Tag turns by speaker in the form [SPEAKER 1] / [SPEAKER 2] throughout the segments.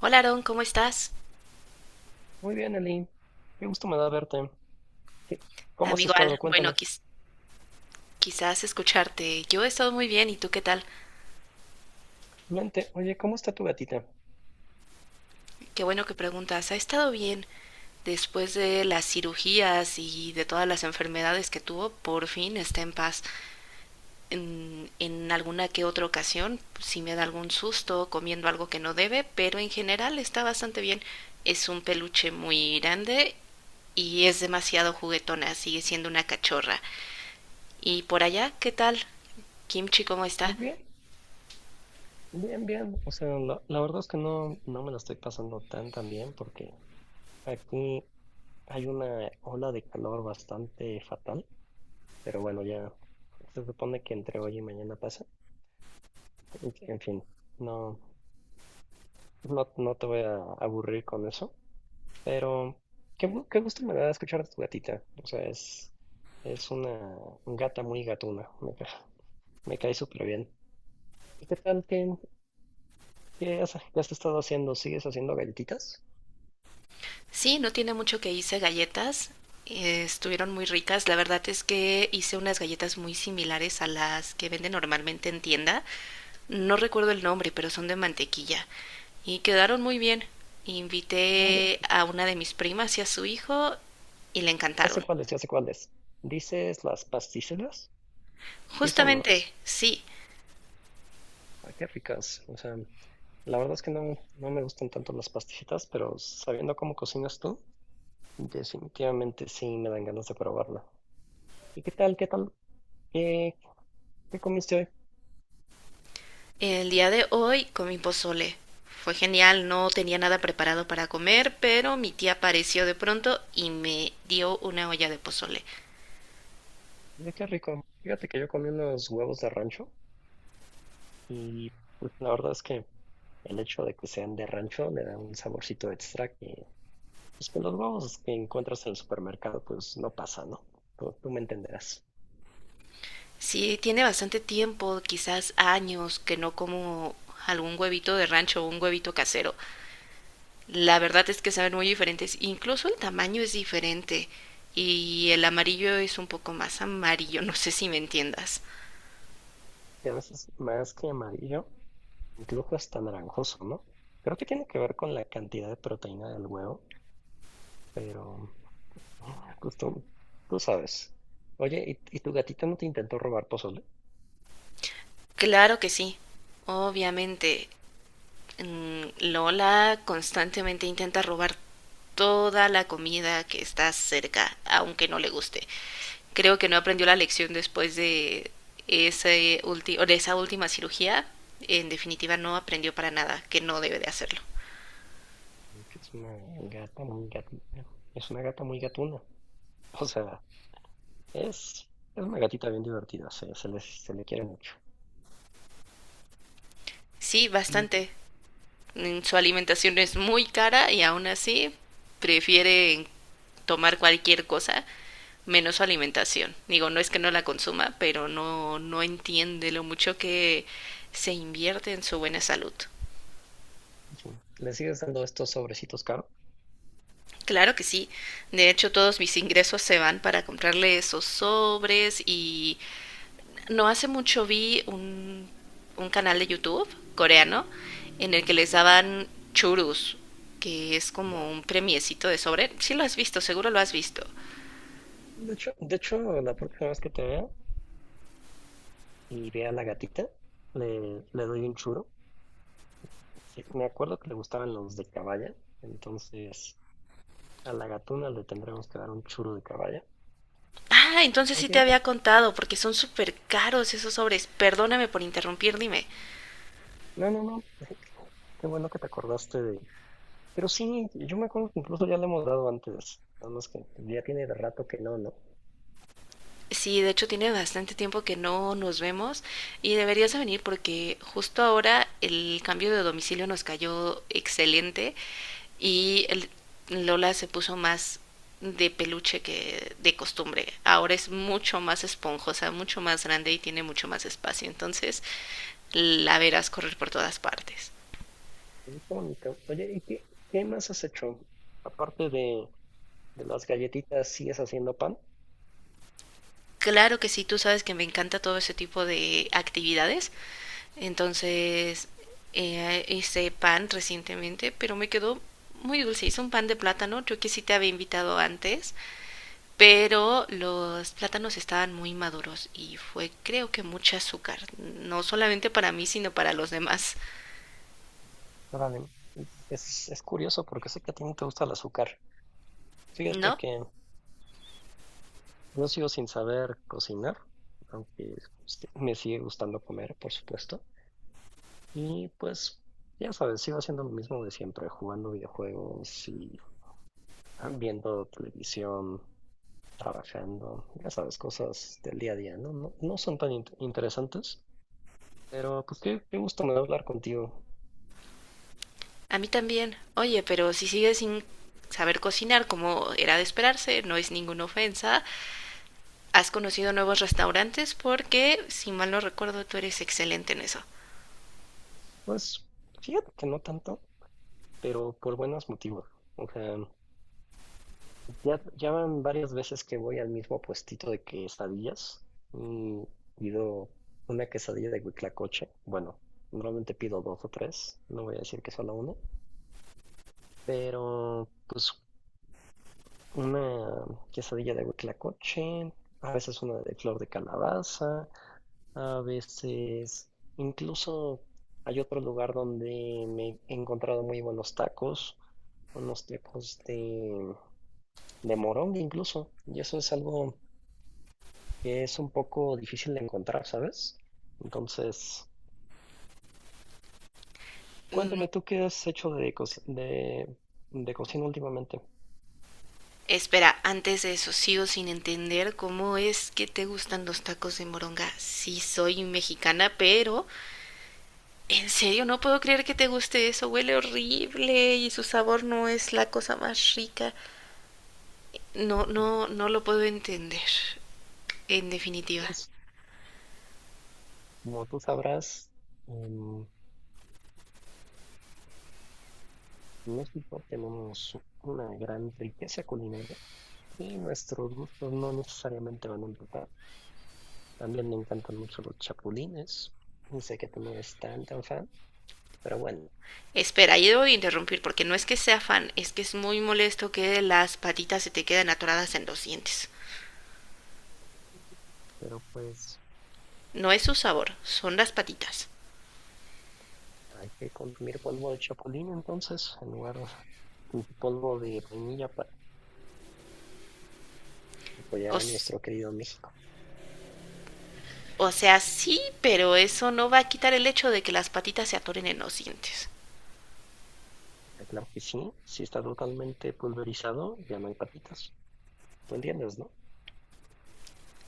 [SPEAKER 1] Hola Aaron, ¿cómo estás?
[SPEAKER 2] Muy bien, Eli. Qué gusto me da verte. ¿Qué- ¿Cómo has
[SPEAKER 1] Amigo
[SPEAKER 2] estado?
[SPEAKER 1] Al, bueno,
[SPEAKER 2] Cuéntame.
[SPEAKER 1] quizás escucharte. Yo he estado muy bien, ¿y tú qué tal?
[SPEAKER 2] Vente. Oye, ¿cómo está tu gatita?
[SPEAKER 1] Qué bueno que preguntas. ¿Ha estado bien después de las cirugías y de todas las enfermedades que tuvo? Por fin está en paz. En alguna que otra ocasión, si me da algún susto comiendo algo que no debe, pero en general está bastante bien. Es un peluche muy grande y es demasiado juguetona, sigue siendo una cachorra. ¿Y por allá qué tal? Kimchi, ¿cómo está?
[SPEAKER 2] Pues bien, bien. O sea, la verdad es que no me la estoy pasando tan bien porque aquí hay una ola de calor bastante fatal. Pero bueno, ya se supone que entre hoy y mañana pasa. En fin, no, no, no te voy a aburrir con eso. Pero qué gusto me da escuchar de tu gatita. O sea, es una gata muy gatuna. Me cae súper bien. ¿Y qué tal? ¿Qué has, qué has estado haciendo? ¿Sigues haciendo galletitas?
[SPEAKER 1] Sí, no tiene mucho que hice galletas. Estuvieron muy ricas. La verdad es que hice unas galletas muy similares a las que venden normalmente en tienda. No recuerdo el nombre, pero son de mantequilla. Y quedaron muy bien.
[SPEAKER 2] Ah, ya,
[SPEAKER 1] Invité a una de mis primas y a su hijo y le encantaron.
[SPEAKER 2] ya sé cuáles. ¿Dices las pasticelas? Sí son, ¿no?
[SPEAKER 1] Justamente, sí.
[SPEAKER 2] Ah, qué ricas. O sea, la verdad es que no me gustan tanto las pasticelas, pero sabiendo cómo cocinas tú, definitivamente sí me dan ganas de probarla. ¿Y qué tal? ¿Qué tal? ¿Qué, ¿qué comiste hoy?
[SPEAKER 1] El día de hoy comí pozole. Fue genial, no tenía nada preparado para comer, pero mi tía apareció de pronto y me dio una olla de pozole.
[SPEAKER 2] Mira qué rico. Fíjate que yo comí unos huevos de rancho y pues, la verdad es que el hecho de que sean de rancho le da un saborcito extra que pues, con los huevos que encuentras en el supermercado pues no pasa, ¿no? Tú me entenderás.
[SPEAKER 1] Sí, tiene bastante tiempo, quizás años, que no como algún huevito de rancho o un huevito casero. La verdad es que saben muy diferentes, incluso el tamaño es diferente y el amarillo es un poco más amarillo, no sé si me entiendas.
[SPEAKER 2] Y a veces más que amarillo, incluso hasta naranjoso, ¿no? Creo que tiene que ver con la cantidad de proteína del huevo, pero ah, tú sabes. Oye, ¿y tu gatita no te intentó robar pozole?
[SPEAKER 1] Claro que sí, obviamente. Lola constantemente intenta robar toda la comida que está cerca, aunque no le guste. Creo que no aprendió la lección después de, ese ulti de esa última cirugía. En definitiva, no aprendió para nada, que no debe de hacerlo.
[SPEAKER 2] Que es una gata muy gatita. Es una gata muy gatuna. O sea, es, es una gatita bien divertida, se le quiere mucho.
[SPEAKER 1] Sí,
[SPEAKER 2] Mm,
[SPEAKER 1] bastante. Su alimentación es muy cara y aún así prefiere tomar cualquier cosa menos su alimentación. Digo, no es que no la consuma, pero no entiende lo mucho que se invierte en su buena salud.
[SPEAKER 2] sí. Le sigues dando estos sobrecitos caros.
[SPEAKER 1] Claro que sí. De hecho, todos mis ingresos se van para comprarle esos sobres y no hace mucho vi un canal de YouTube coreano en el que les daban churus, que es
[SPEAKER 2] Ya.
[SPEAKER 1] como un premiecito de sobre. Sí lo has visto, seguro lo has visto.
[SPEAKER 2] De hecho, la próxima vez que te vea y vea a la gatita, le doy un churo. Sí, me acuerdo que le gustaban los de caballa, entonces a la gatuna le tendremos que dar un churo de caballa.
[SPEAKER 1] Ah, entonces sí te
[SPEAKER 2] Oye,
[SPEAKER 1] había contado, porque son súper caros esos sobres. Perdóname por interrumpir, dime.
[SPEAKER 2] no, no, no, qué bueno que te acordaste de... Pero sí, yo me acuerdo que incluso ya le hemos dado antes, nada más que ya tiene rato que no, ¿no?
[SPEAKER 1] Sí, de hecho tiene bastante tiempo que no nos vemos y deberías de venir porque justo ahora el cambio de domicilio nos cayó excelente y el- Lola se puso más de peluche que de costumbre. Ahora es mucho más esponjosa, mucho más grande y tiene mucho más espacio. Entonces la verás correr por todas partes.
[SPEAKER 2] Oye, bonito. Oye, ¿qué más has hecho? Aparte de, de las galletitas, ¿sigues haciendo pan?
[SPEAKER 1] Claro que sí, tú sabes que me encanta todo ese tipo de actividades. Entonces, hice pan recientemente, pero me quedó muy dulce. Hice un pan de plátano, yo que sí te había invitado antes, pero los plátanos estaban muy maduros y fue creo que mucha azúcar, no solamente para mí, sino para los demás.
[SPEAKER 2] Órale. Es curioso porque sé que a ti no te gusta el azúcar. Fíjate
[SPEAKER 1] ¿No?
[SPEAKER 2] que yo sigo sin saber cocinar, aunque sí me sigue gustando comer, por supuesto. Y pues, ya sabes, sigo haciendo lo mismo de siempre, jugando videojuegos y ah, viendo televisión, trabajando, ya sabes, cosas del día a día, ¿no? No, no son interesantes. Pero pues qué gusto me da hablar contigo.
[SPEAKER 1] A mí también. Oye, pero si sigues sin saber cocinar como era de esperarse, no es ninguna ofensa, has conocido nuevos restaurantes porque, si mal no recuerdo, tú eres excelente en eso.
[SPEAKER 2] Pues fíjate que no tanto, pero por buenos motivos. O sea, ya van varias veces que voy al mismo puestito de quesadillas y pido una quesadilla de huitlacoche. Bueno, normalmente pido dos o tres, no voy a decir que solo una, pero pues una quesadilla de huitlacoche, a veces una de flor de calabaza, a veces, incluso hay otro lugar donde me he encontrado muy buenos tacos, unos tacos de, de moronga incluso, y eso es algo que es un poco difícil de encontrar, ¿sabes? Entonces, cuéntame
[SPEAKER 1] Mm,
[SPEAKER 2] tú qué has hecho de cocina últimamente.
[SPEAKER 1] Espera, antes de eso sigo sin entender cómo es que te gustan los tacos de moronga. Sí, soy mexicana, pero en serio no puedo creer que te guste eso. Huele horrible y su sabor no es la cosa más rica. No,
[SPEAKER 2] Ujú.
[SPEAKER 1] no, no lo puedo entender. En definitiva.
[SPEAKER 2] Pues, como tú sabrás, en México tenemos una gran riqueza culinaria y nuestros gustos no necesariamente van a empezar. También me encantan mucho los chapulines. Y sé que tú no eres tan fan, pero bueno,
[SPEAKER 1] Espera, yo debo de interrumpir porque no es que sea fan, es que es muy molesto que las patitas se te queden atoradas en los dientes.
[SPEAKER 2] pero pues
[SPEAKER 1] No es su sabor, son las patitas.
[SPEAKER 2] hay que consumir polvo de chapulín entonces, en lugar de polvo de vainilla para apoyar
[SPEAKER 1] O,
[SPEAKER 2] a nuestro querido México.
[SPEAKER 1] o sea, sí, pero eso no va a quitar el hecho de que las patitas se atoren en los dientes.
[SPEAKER 2] Ah, claro que sí, si está totalmente pulverizado, ya no hay patitas. Tú entiendes, ¿no?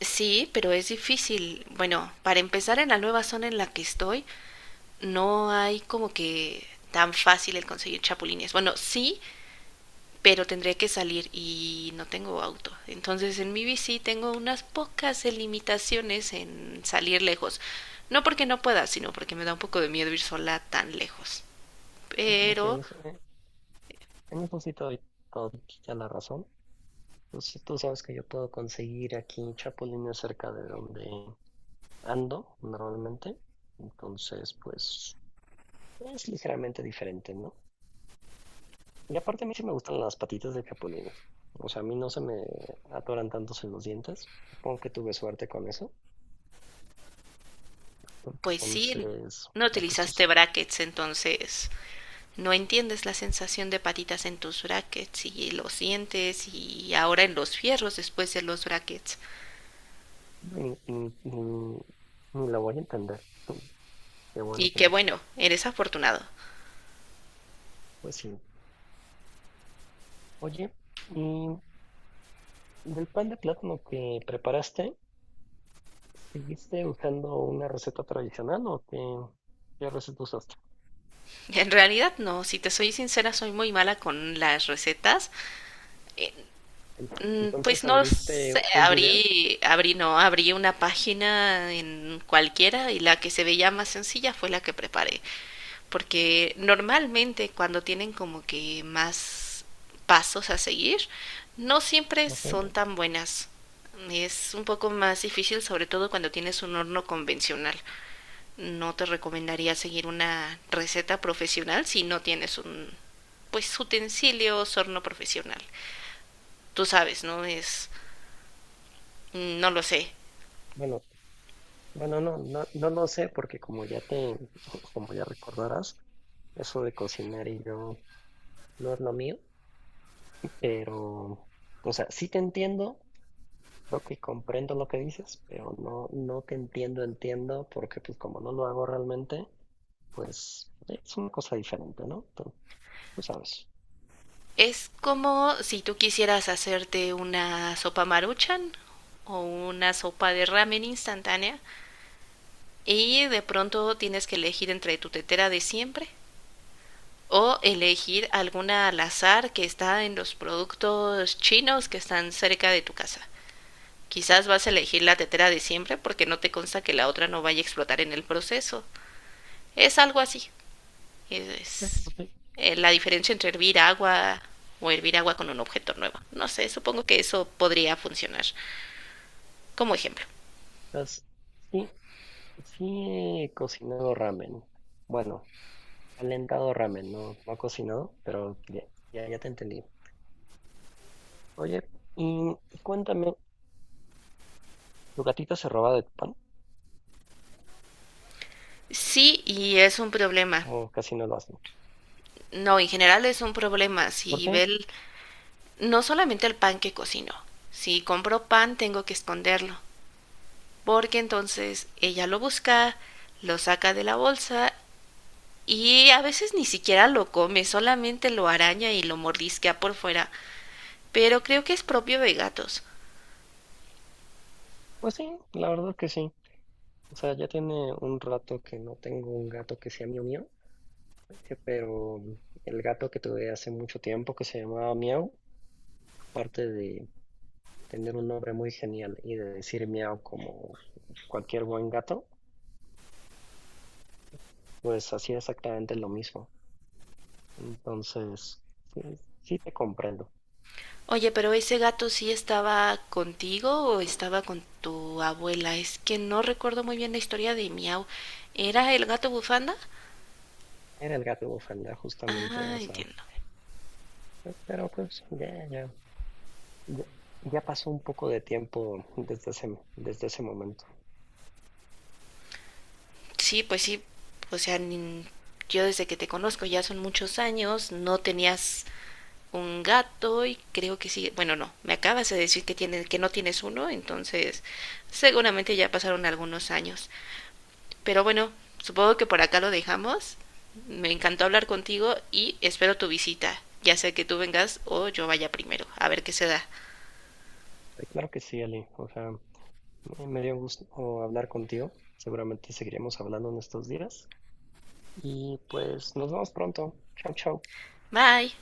[SPEAKER 1] Sí, pero es difícil. Bueno, para empezar en la nueva zona en la que estoy, no hay como que tan fácil el conseguir chapulines. Bueno, sí, pero tendré que salir y no tengo auto. Entonces en mi bici tengo unas pocas limitaciones en salir lejos. No porque no pueda, sino porque me da un poco de miedo ir sola tan lejos.
[SPEAKER 2] Bueno, que
[SPEAKER 1] Pero
[SPEAKER 2] en eso sí te doy todita la razón. Tú sabes que yo puedo conseguir aquí chapulines cerca de donde ando normalmente. Entonces, pues es ligeramente diferente, ¿no? Y aparte a mí sí me gustan las patitas de capulines. O sea, a mí no se me atoran tantos en los dientes. Supongo que tuve suerte con eso.
[SPEAKER 1] pues sí,
[SPEAKER 2] Entonces,
[SPEAKER 1] no
[SPEAKER 2] ay, pues tú
[SPEAKER 1] utilizaste
[SPEAKER 2] sabes,
[SPEAKER 1] brackets, entonces no entiendes la sensación de patitas en tus brackets y los sientes y ahora en los fierros después de los brackets.
[SPEAKER 2] ni, ni, ni- ni la voy a entender. Qué bueno
[SPEAKER 1] Y
[SPEAKER 2] que
[SPEAKER 1] qué
[SPEAKER 2] no.
[SPEAKER 1] bueno, eres afortunado.
[SPEAKER 2] Pues sí. Oye, y del pan de plátano que preparaste, ¿seguiste usando una receta tradicional o qué receta usaste?
[SPEAKER 1] En realidad no, si te soy sincera soy muy mala con las recetas. Eh, Pues
[SPEAKER 2] Entonces
[SPEAKER 1] no
[SPEAKER 2] abriste
[SPEAKER 1] sé,
[SPEAKER 2] un video.
[SPEAKER 1] abrí, abrí, no, abrí una página en cualquiera y la que se veía más sencilla fue la que preparé. Porque normalmente cuando tienen como que más pasos a seguir, no siempre
[SPEAKER 2] Ajá.
[SPEAKER 1] son tan buenas. Es un poco más difícil, sobre todo cuando tienes un horno convencional. No te recomendaría seguir una receta profesional si no tienes un, pues, utensilios, horno profesional. Tú sabes, ¿no? No lo sé.
[SPEAKER 2] Bueno, bueno, no, no lo sé, porque como ya te, como ya recordarás, eso de cocinar y yo no es lo mío, pero, o sea, sí te entiendo, creo que comprendo lo que dices, pero no, no te entiendo, entiendo, porque pues como no lo hago realmente, pues es una cosa diferente, ¿no? Tú sabes.
[SPEAKER 1] Es como si tú quisieras hacerte una sopa maruchan o una sopa de ramen instantánea y de pronto tienes que elegir entre tu tetera de siempre o elegir alguna al azar que está en los productos chinos que están cerca de tu casa. Quizás vas a elegir la tetera de siempre porque no te consta que la otra no vaya a explotar en el proceso. Es algo así.
[SPEAKER 2] Sí.
[SPEAKER 1] Es
[SPEAKER 2] Ok.
[SPEAKER 1] La diferencia entre hervir agua o hervir agua con un objeto nuevo. No sé, supongo que eso podría funcionar como ejemplo.
[SPEAKER 2] Pues, sí, sí he cocinado ramen. Bueno, calentado ramen, no he cocinado, pero ya, ya te entendí. Oye, y cuéntame, ¿tu gatita se roba de tu pan?
[SPEAKER 1] Sí, y es un problema.
[SPEAKER 2] ¿O casi no lo hace?
[SPEAKER 1] No, en general es un problema.
[SPEAKER 2] ¿Por qué?
[SPEAKER 1] No solamente el pan que cocino. Si compro pan tengo que esconderlo, porque entonces ella lo busca, lo saca de la bolsa y a veces ni siquiera lo come, solamente lo araña y lo mordisquea por fuera. Pero creo que es propio de gatos.
[SPEAKER 2] Pues sí, la verdad que sí. O sea, ya tiene un rato que no tengo un gato que sea mío mío, pero el gato que tuve hace mucho tiempo que se llamaba Miau, aparte de tener un nombre muy genial y de decir miau como cualquier buen gato, pues hacía exactamente lo mismo. Entonces, sí, sí te comprendo.
[SPEAKER 1] Oye, pero ese gato sí estaba contigo o estaba con tu abuela. Es que no recuerdo muy bien la historia de Miau. ¿Era el gato bufanda?
[SPEAKER 2] Era el gato bufanda, justamente,
[SPEAKER 1] Ah,
[SPEAKER 2] o sea,
[SPEAKER 1] entiendo.
[SPEAKER 2] pero pues ya, ya. Ya ya pasó un poco de tiempo desde ese momento.
[SPEAKER 1] Sí, pues sí. O sea, yo desde que te conozco ya son muchos años, no tenías un gato y creo que sí. Bueno, no, me acabas de decir que tienes que no tienes uno, entonces seguramente ya pasaron algunos años. Pero bueno, supongo que por acá lo dejamos. Me encantó hablar contigo y espero tu visita, ya sea que tú vengas o yo vaya primero, a ver qué se da.
[SPEAKER 2] Claro que sí, Ali. O sea, me dio gusto hablar contigo. Seguramente seguiremos hablando en estos días. Y pues nos vemos pronto. Chao, chao.
[SPEAKER 1] Bye.